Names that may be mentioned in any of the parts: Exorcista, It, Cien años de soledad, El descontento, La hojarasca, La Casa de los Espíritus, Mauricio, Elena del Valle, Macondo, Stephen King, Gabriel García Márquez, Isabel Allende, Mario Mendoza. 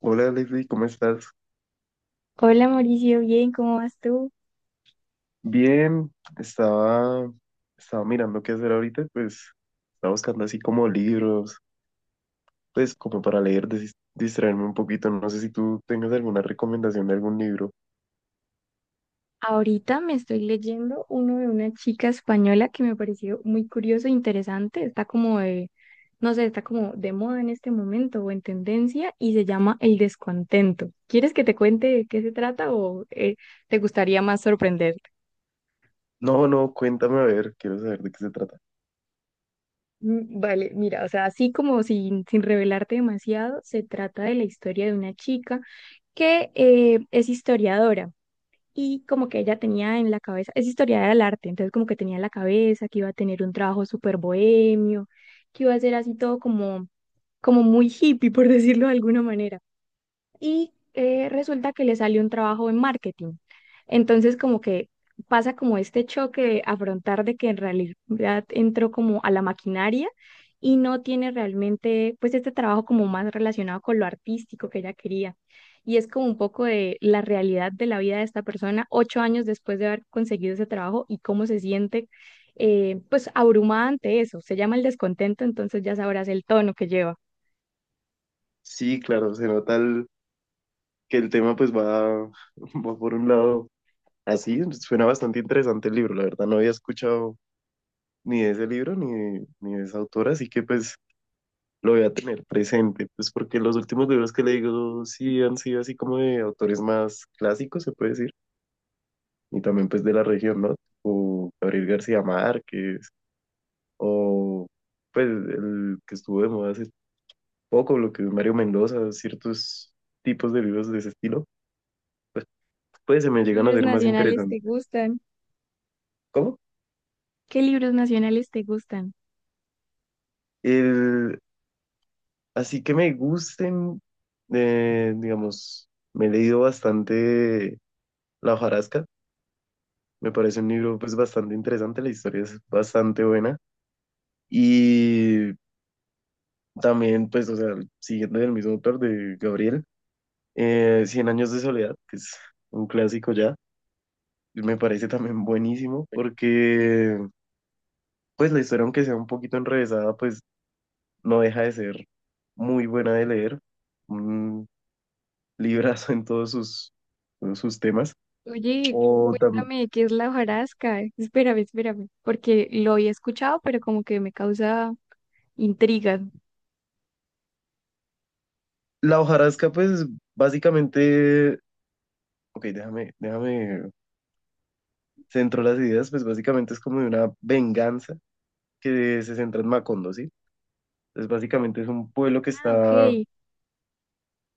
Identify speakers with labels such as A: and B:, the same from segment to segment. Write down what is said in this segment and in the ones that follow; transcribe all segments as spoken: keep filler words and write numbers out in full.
A: Hola Leslie, ¿cómo estás?
B: Hola Mauricio, bien, ¿cómo vas tú?
A: Bien, estaba, estaba mirando qué hacer ahorita. Pues estaba buscando así como libros, pues como para leer, desis- distraerme un poquito. No sé si tú tengas alguna recomendación de algún libro.
B: Ahorita me estoy leyendo uno de una chica española que me pareció muy curioso e interesante. Está como de, no sé, está como de moda en este momento o en tendencia y se llama El descontento. ¿Quieres que te cuente de qué se trata o eh, te gustaría más sorprenderte?
A: No, no, cuéntame a ver, quiero saber de qué se trata.
B: Mm, vale, mira, o sea, así como sin, sin revelarte demasiado, se trata de la historia de una chica que eh, es historiadora. Y como que ella tenía en la cabeza, es historiadora del arte, entonces como que tenía en la cabeza que iba a tener un trabajo súper bohemio, que iba a ser así todo como, como muy hippie, por decirlo de alguna manera y eh, resulta que le salió un trabajo en marketing. Entonces, como que pasa como este choque de afrontar de que en realidad entró como a la maquinaria y no tiene realmente pues este trabajo como más relacionado con lo artístico que ella quería. Y es como un poco de la realidad de la vida de esta persona ocho años después de haber conseguido ese trabajo y cómo se siente, eh, pues abrumada ante eso. Se llama el descontento, entonces ya sabrás el tono que lleva.
A: Sí, claro, se nota el- que el tema pues va, va por un lado así. Suena bastante interesante el libro, la verdad no había escuchado ni de ese libro ni, ni de esa autora, así que pues lo voy a tener presente. Pues porque los últimos libros que he leído sí han sido así como de autores más clásicos, se puede decir, y también pues de la región, ¿no? O Gabriel García Márquez, o pues el que estuvo de moda hace poco, lo que es Mario Mendoza, ciertos tipos de libros de ese estilo, pues, pues se me llegan a
B: ¿Libros
A: ser más
B: nacionales te
A: interesantes.
B: gustan?
A: ¿Cómo?
B: ¿Qué libros nacionales te gustan?
A: El, así que me gusten, eh, digamos, me he leído bastante La hojarasca. Me parece un libro pues bastante interesante, la historia es bastante buena. Y también pues, o sea, siguiendo del mismo autor de Gabriel, eh, Cien años de soledad, que es un clásico ya, me parece también buenísimo, porque pues la historia aunque sea un poquito enrevesada pues no deja de ser muy buena de leer, un librazo en todos sus, todos sus temas.
B: Oye,
A: O tam-
B: cuéntame qué es la hojarasca. Espérame, espérame, porque lo había escuchado, pero como que me causa intriga.
A: la hojarasca pues básicamente, ok, déjame, déjame centro las ideas. Pues básicamente es como de una venganza que se centra en Macondo, ¿sí? Entonces básicamente es un pueblo que
B: Ah,
A: está,
B: ok.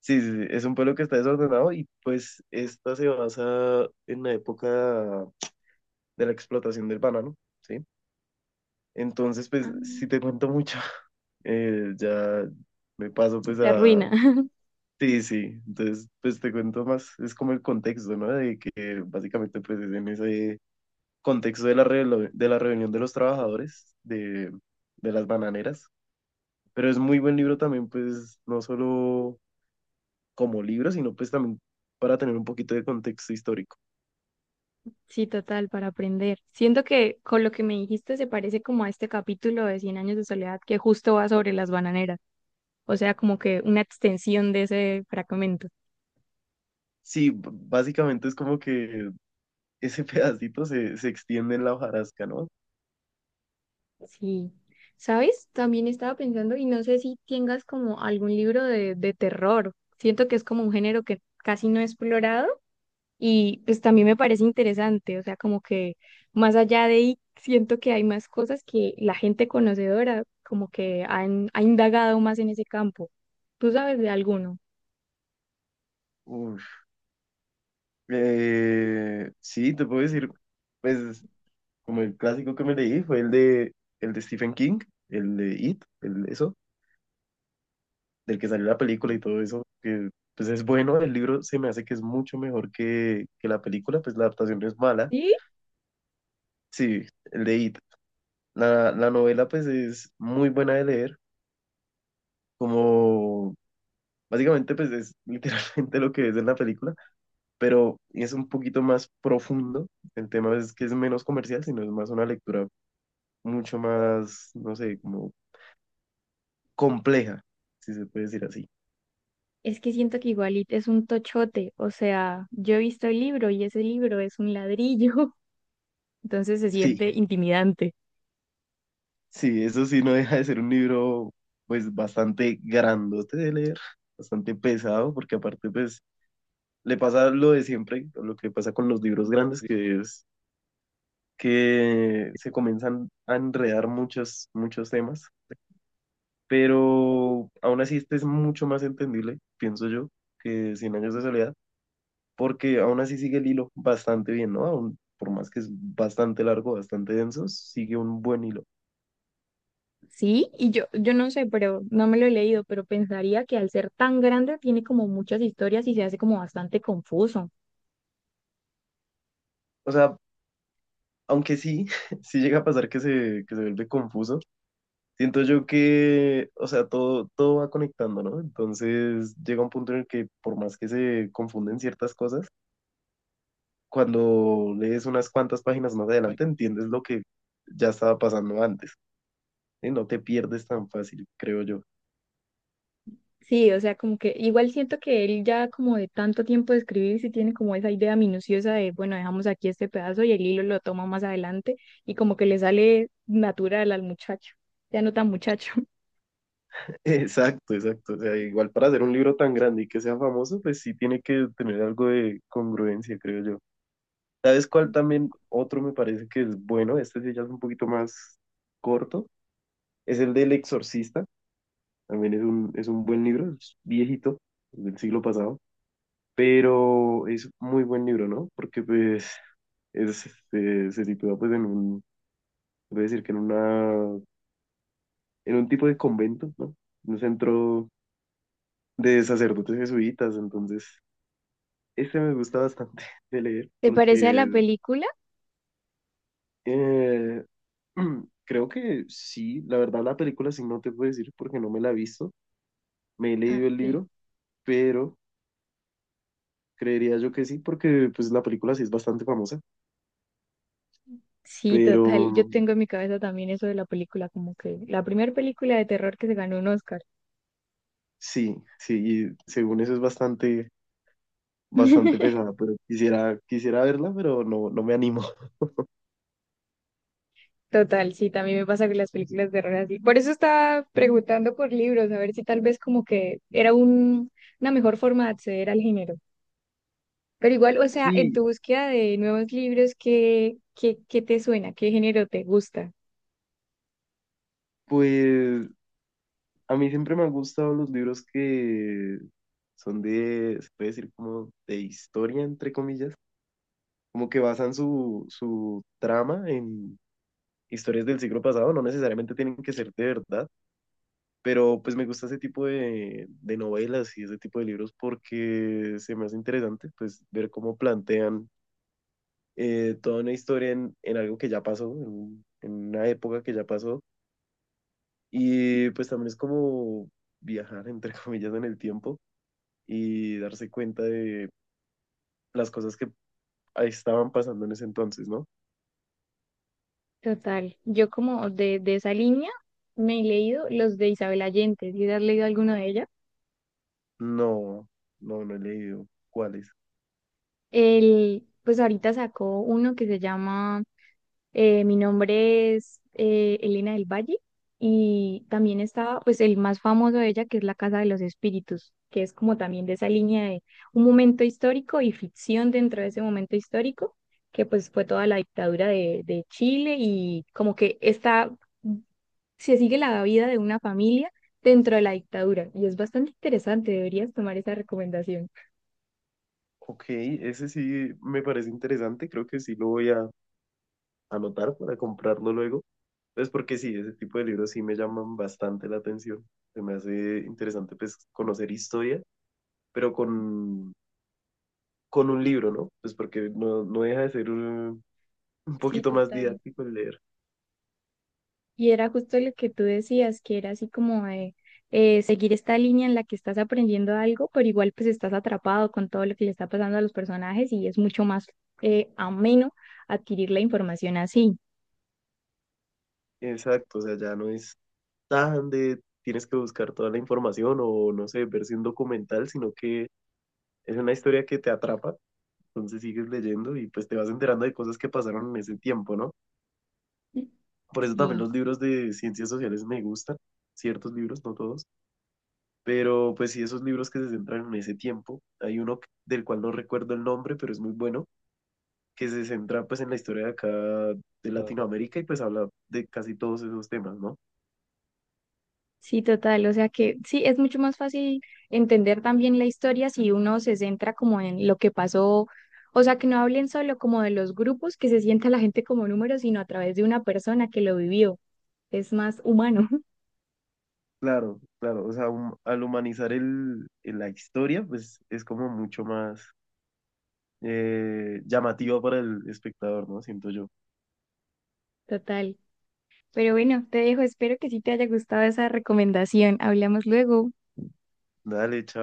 A: sí, sí, sí, es un pueblo que está desordenado, y pues esta se basa en la época de la explotación del banano, ¿sí? Entonces, pues
B: Ah,
A: si te cuento mucho, eh, ya me paso pues
B: se
A: a...
B: arruina.
A: Sí, sí, entonces pues te cuento más, es como el contexto, ¿no? De que básicamente pues es en ese contexto de la, relo- de la reunión de los trabajadores de, de las bananeras. Pero es muy buen libro también, pues no solo como libro, sino pues también para tener un poquito de contexto histórico.
B: Sí, total, para aprender. Siento que con lo que me dijiste se parece como a este capítulo de Cien años de soledad que justo va sobre las bananeras, o sea, como que una extensión de ese fragmento.
A: Sí, b- básicamente es como que ese pedacito se, se extiende en la hojarasca, ¿no?
B: Sí, ¿sabes? También estaba pensando y no sé si tengas como algún libro de, de terror. Siento que es como un género que casi no he explorado y pues también me parece interesante, o sea, como que más allá de ahí siento que hay más cosas que la gente conocedora como que han, ha indagado más en ese campo. ¿Tú sabes de alguno?
A: Uf. Eh, sí, te puedo decir, pues como el clásico que me leí fue el de, el de Stephen King, el de It, el, eso, del que salió la película y
B: Sí.
A: todo eso. Que pues es bueno, el libro se me hace que es mucho mejor que, que la película, pues la adaptación no es mala,
B: ¿Sí?
A: sí, el de It. La, la novela pues es muy buena de leer, como básicamente pues es literalmente lo que es en la película, pero es un poquito más profundo. El tema es que es menos comercial, sino es más una lectura mucho más, no sé, como compleja, si se puede decir así.
B: Es que siento que igualito es un tochote, o sea, yo he visto el libro y ese libro es un ladrillo, entonces se
A: Sí,
B: siente intimidante.
A: sí, eso sí no deja de ser un libro pues bastante grandote de leer, bastante pesado, porque aparte pues le pasa lo de siempre, lo que pasa con los libros grandes, que es que se comienzan a enredar muchos, muchos temas, pero aún así este es mucho más entendible, pienso yo, que Cien años de soledad, porque aún así sigue el hilo bastante bien, ¿no? Aún, por más que es bastante largo, bastante denso, sigue un buen hilo.
B: Sí, y yo, yo no sé, pero no me lo he leído, pero pensaría que al ser tan grande tiene como muchas historias y se hace como bastante confuso.
A: O sea, aunque sí, sí llega a pasar que se, que se vuelve confuso. Siento yo que, o sea, todo, todo va conectando, ¿no? Entonces llega un punto en el que por más que se confunden ciertas cosas, cuando lees unas cuantas páginas más adelante entiendes lo que ya estaba pasando antes. Y no te pierdes tan fácil, creo yo.
B: Sí, o sea, como que igual siento que él ya como de tanto tiempo de escribir, sí tiene como esa idea minuciosa de, bueno, dejamos aquí este pedazo y el hilo lo toma más adelante y como que le sale natural al muchacho, ya no tan muchacho.
A: Exacto, exacto. O sea, igual para hacer un libro tan grande y que sea famoso, pues sí tiene que tener algo de congruencia, creo yo. ¿Sabes cuál también otro me parece que es bueno? Este sí ya es un poquito más corto. Es el del Exorcista. También es un, es un buen libro, es viejito, es del siglo pasado. Pero es muy buen libro, ¿no? Porque pues es, este, se sitúa pues en un, voy a decir que en una, en un tipo de convento, ¿no? Un centro de sacerdotes jesuitas. Entonces, este me gusta bastante de leer
B: ¿Te parece a la
A: porque...
B: película?
A: Eh, creo que sí. La verdad la película sí no te puedo decir porque no me la he visto, me he
B: Ah,
A: leído el
B: ok.
A: libro, pero creería yo que sí porque pues la película sí es bastante famosa,
B: Sí,
A: pero
B: total. Yo tengo en mi cabeza también eso de la película, como que la primera película de terror que se ganó un Oscar.
A: sí, sí, y según eso es bastante, bastante pesada, pero quisiera, quisiera verla, pero no, no me animo.
B: Total, sí, también me pasa con las películas de horror así. Por eso estaba preguntando por libros, a ver si tal vez como que era un, una mejor forma de acceder al género. Pero igual, o sea, en
A: Sí,
B: tu búsqueda de nuevos libros, ¿qué, qué, qué te suena? ¿Qué género te gusta?
A: pues a mí siempre me han gustado los libros que son de, se puede decir como de historia, entre comillas, como que basan su, su trama en historias del siglo pasado, no necesariamente tienen que ser de verdad, pero pues me gusta ese tipo de, de novelas y ese tipo de libros porque se me hace interesante pues ver cómo plantean eh, toda una historia en, en algo que ya pasó, en, un- en una época que ya pasó, y pues también es como viajar entre comillas en el tiempo y darse cuenta de las cosas que ahí estaban pasando en ese entonces, ¿no?
B: Total, yo como de, de esa línea me he leído los de Isabel Allende, ¿si has leído alguno de ella?
A: No, no, no he leído. ¿Cuáles?
B: El, pues ahorita sacó uno que se llama, Eh, mi nombre es eh, Elena del Valle, y también está pues el más famoso de ella que es La Casa de los Espíritus, que es como también de esa línea de un momento histórico y ficción dentro de ese momento histórico, que pues fue toda la dictadura de, de Chile y como que está, se sigue la vida de una familia dentro de la dictadura y es bastante interesante, deberías tomar esa recomendación.
A: Ok, ese sí me parece interesante, creo que sí lo voy a anotar para comprarlo luego. Pues porque sí, ese tipo de libros sí me llaman bastante la atención. Se me hace interesante pues conocer historia, pero con, con un libro, ¿no? Pues porque no, no deja de ser un, un
B: Sí,
A: poquito más
B: total.
A: didáctico el leer.
B: Y era justo lo que tú decías, que era así como de, eh, seguir esta línea en la que estás aprendiendo algo, pero igual pues estás atrapado con todo lo que le está pasando a los personajes y es mucho más eh, ameno adquirir la información así.
A: Exacto, o sea, ya no es tan de tienes que buscar toda la información o no sé, verse un documental, sino que es una historia que te atrapa. Entonces sigues leyendo y pues te vas enterando de cosas que pasaron en ese tiempo, ¿no? Por eso también los
B: Sí,
A: libros de ciencias sociales me gustan, ciertos libros, no todos, pero pues sí, esos libros que se centran en ese tiempo. Hay uno que- del cual no recuerdo el nombre, pero es muy bueno, que se centra pues en la historia de acá de Latinoamérica, y pues habla de casi todos esos temas, ¿no?
B: sí, total. O sea que sí, es mucho más fácil entender también la historia si uno se centra como en lo que pasó. O sea, que no hablen solo como de los grupos, que se sienta la gente como números sino a través de una persona que lo vivió. Es más humano,
A: Claro, claro, o sea, hum- al humanizar el, el- la historia, pues es como mucho más eh, llamativo para el espectador, ¿no? Siento yo.
B: total. Pero bueno, te dejo, espero que sí te haya gustado esa recomendación. Hablamos luego.
A: Dale, chao.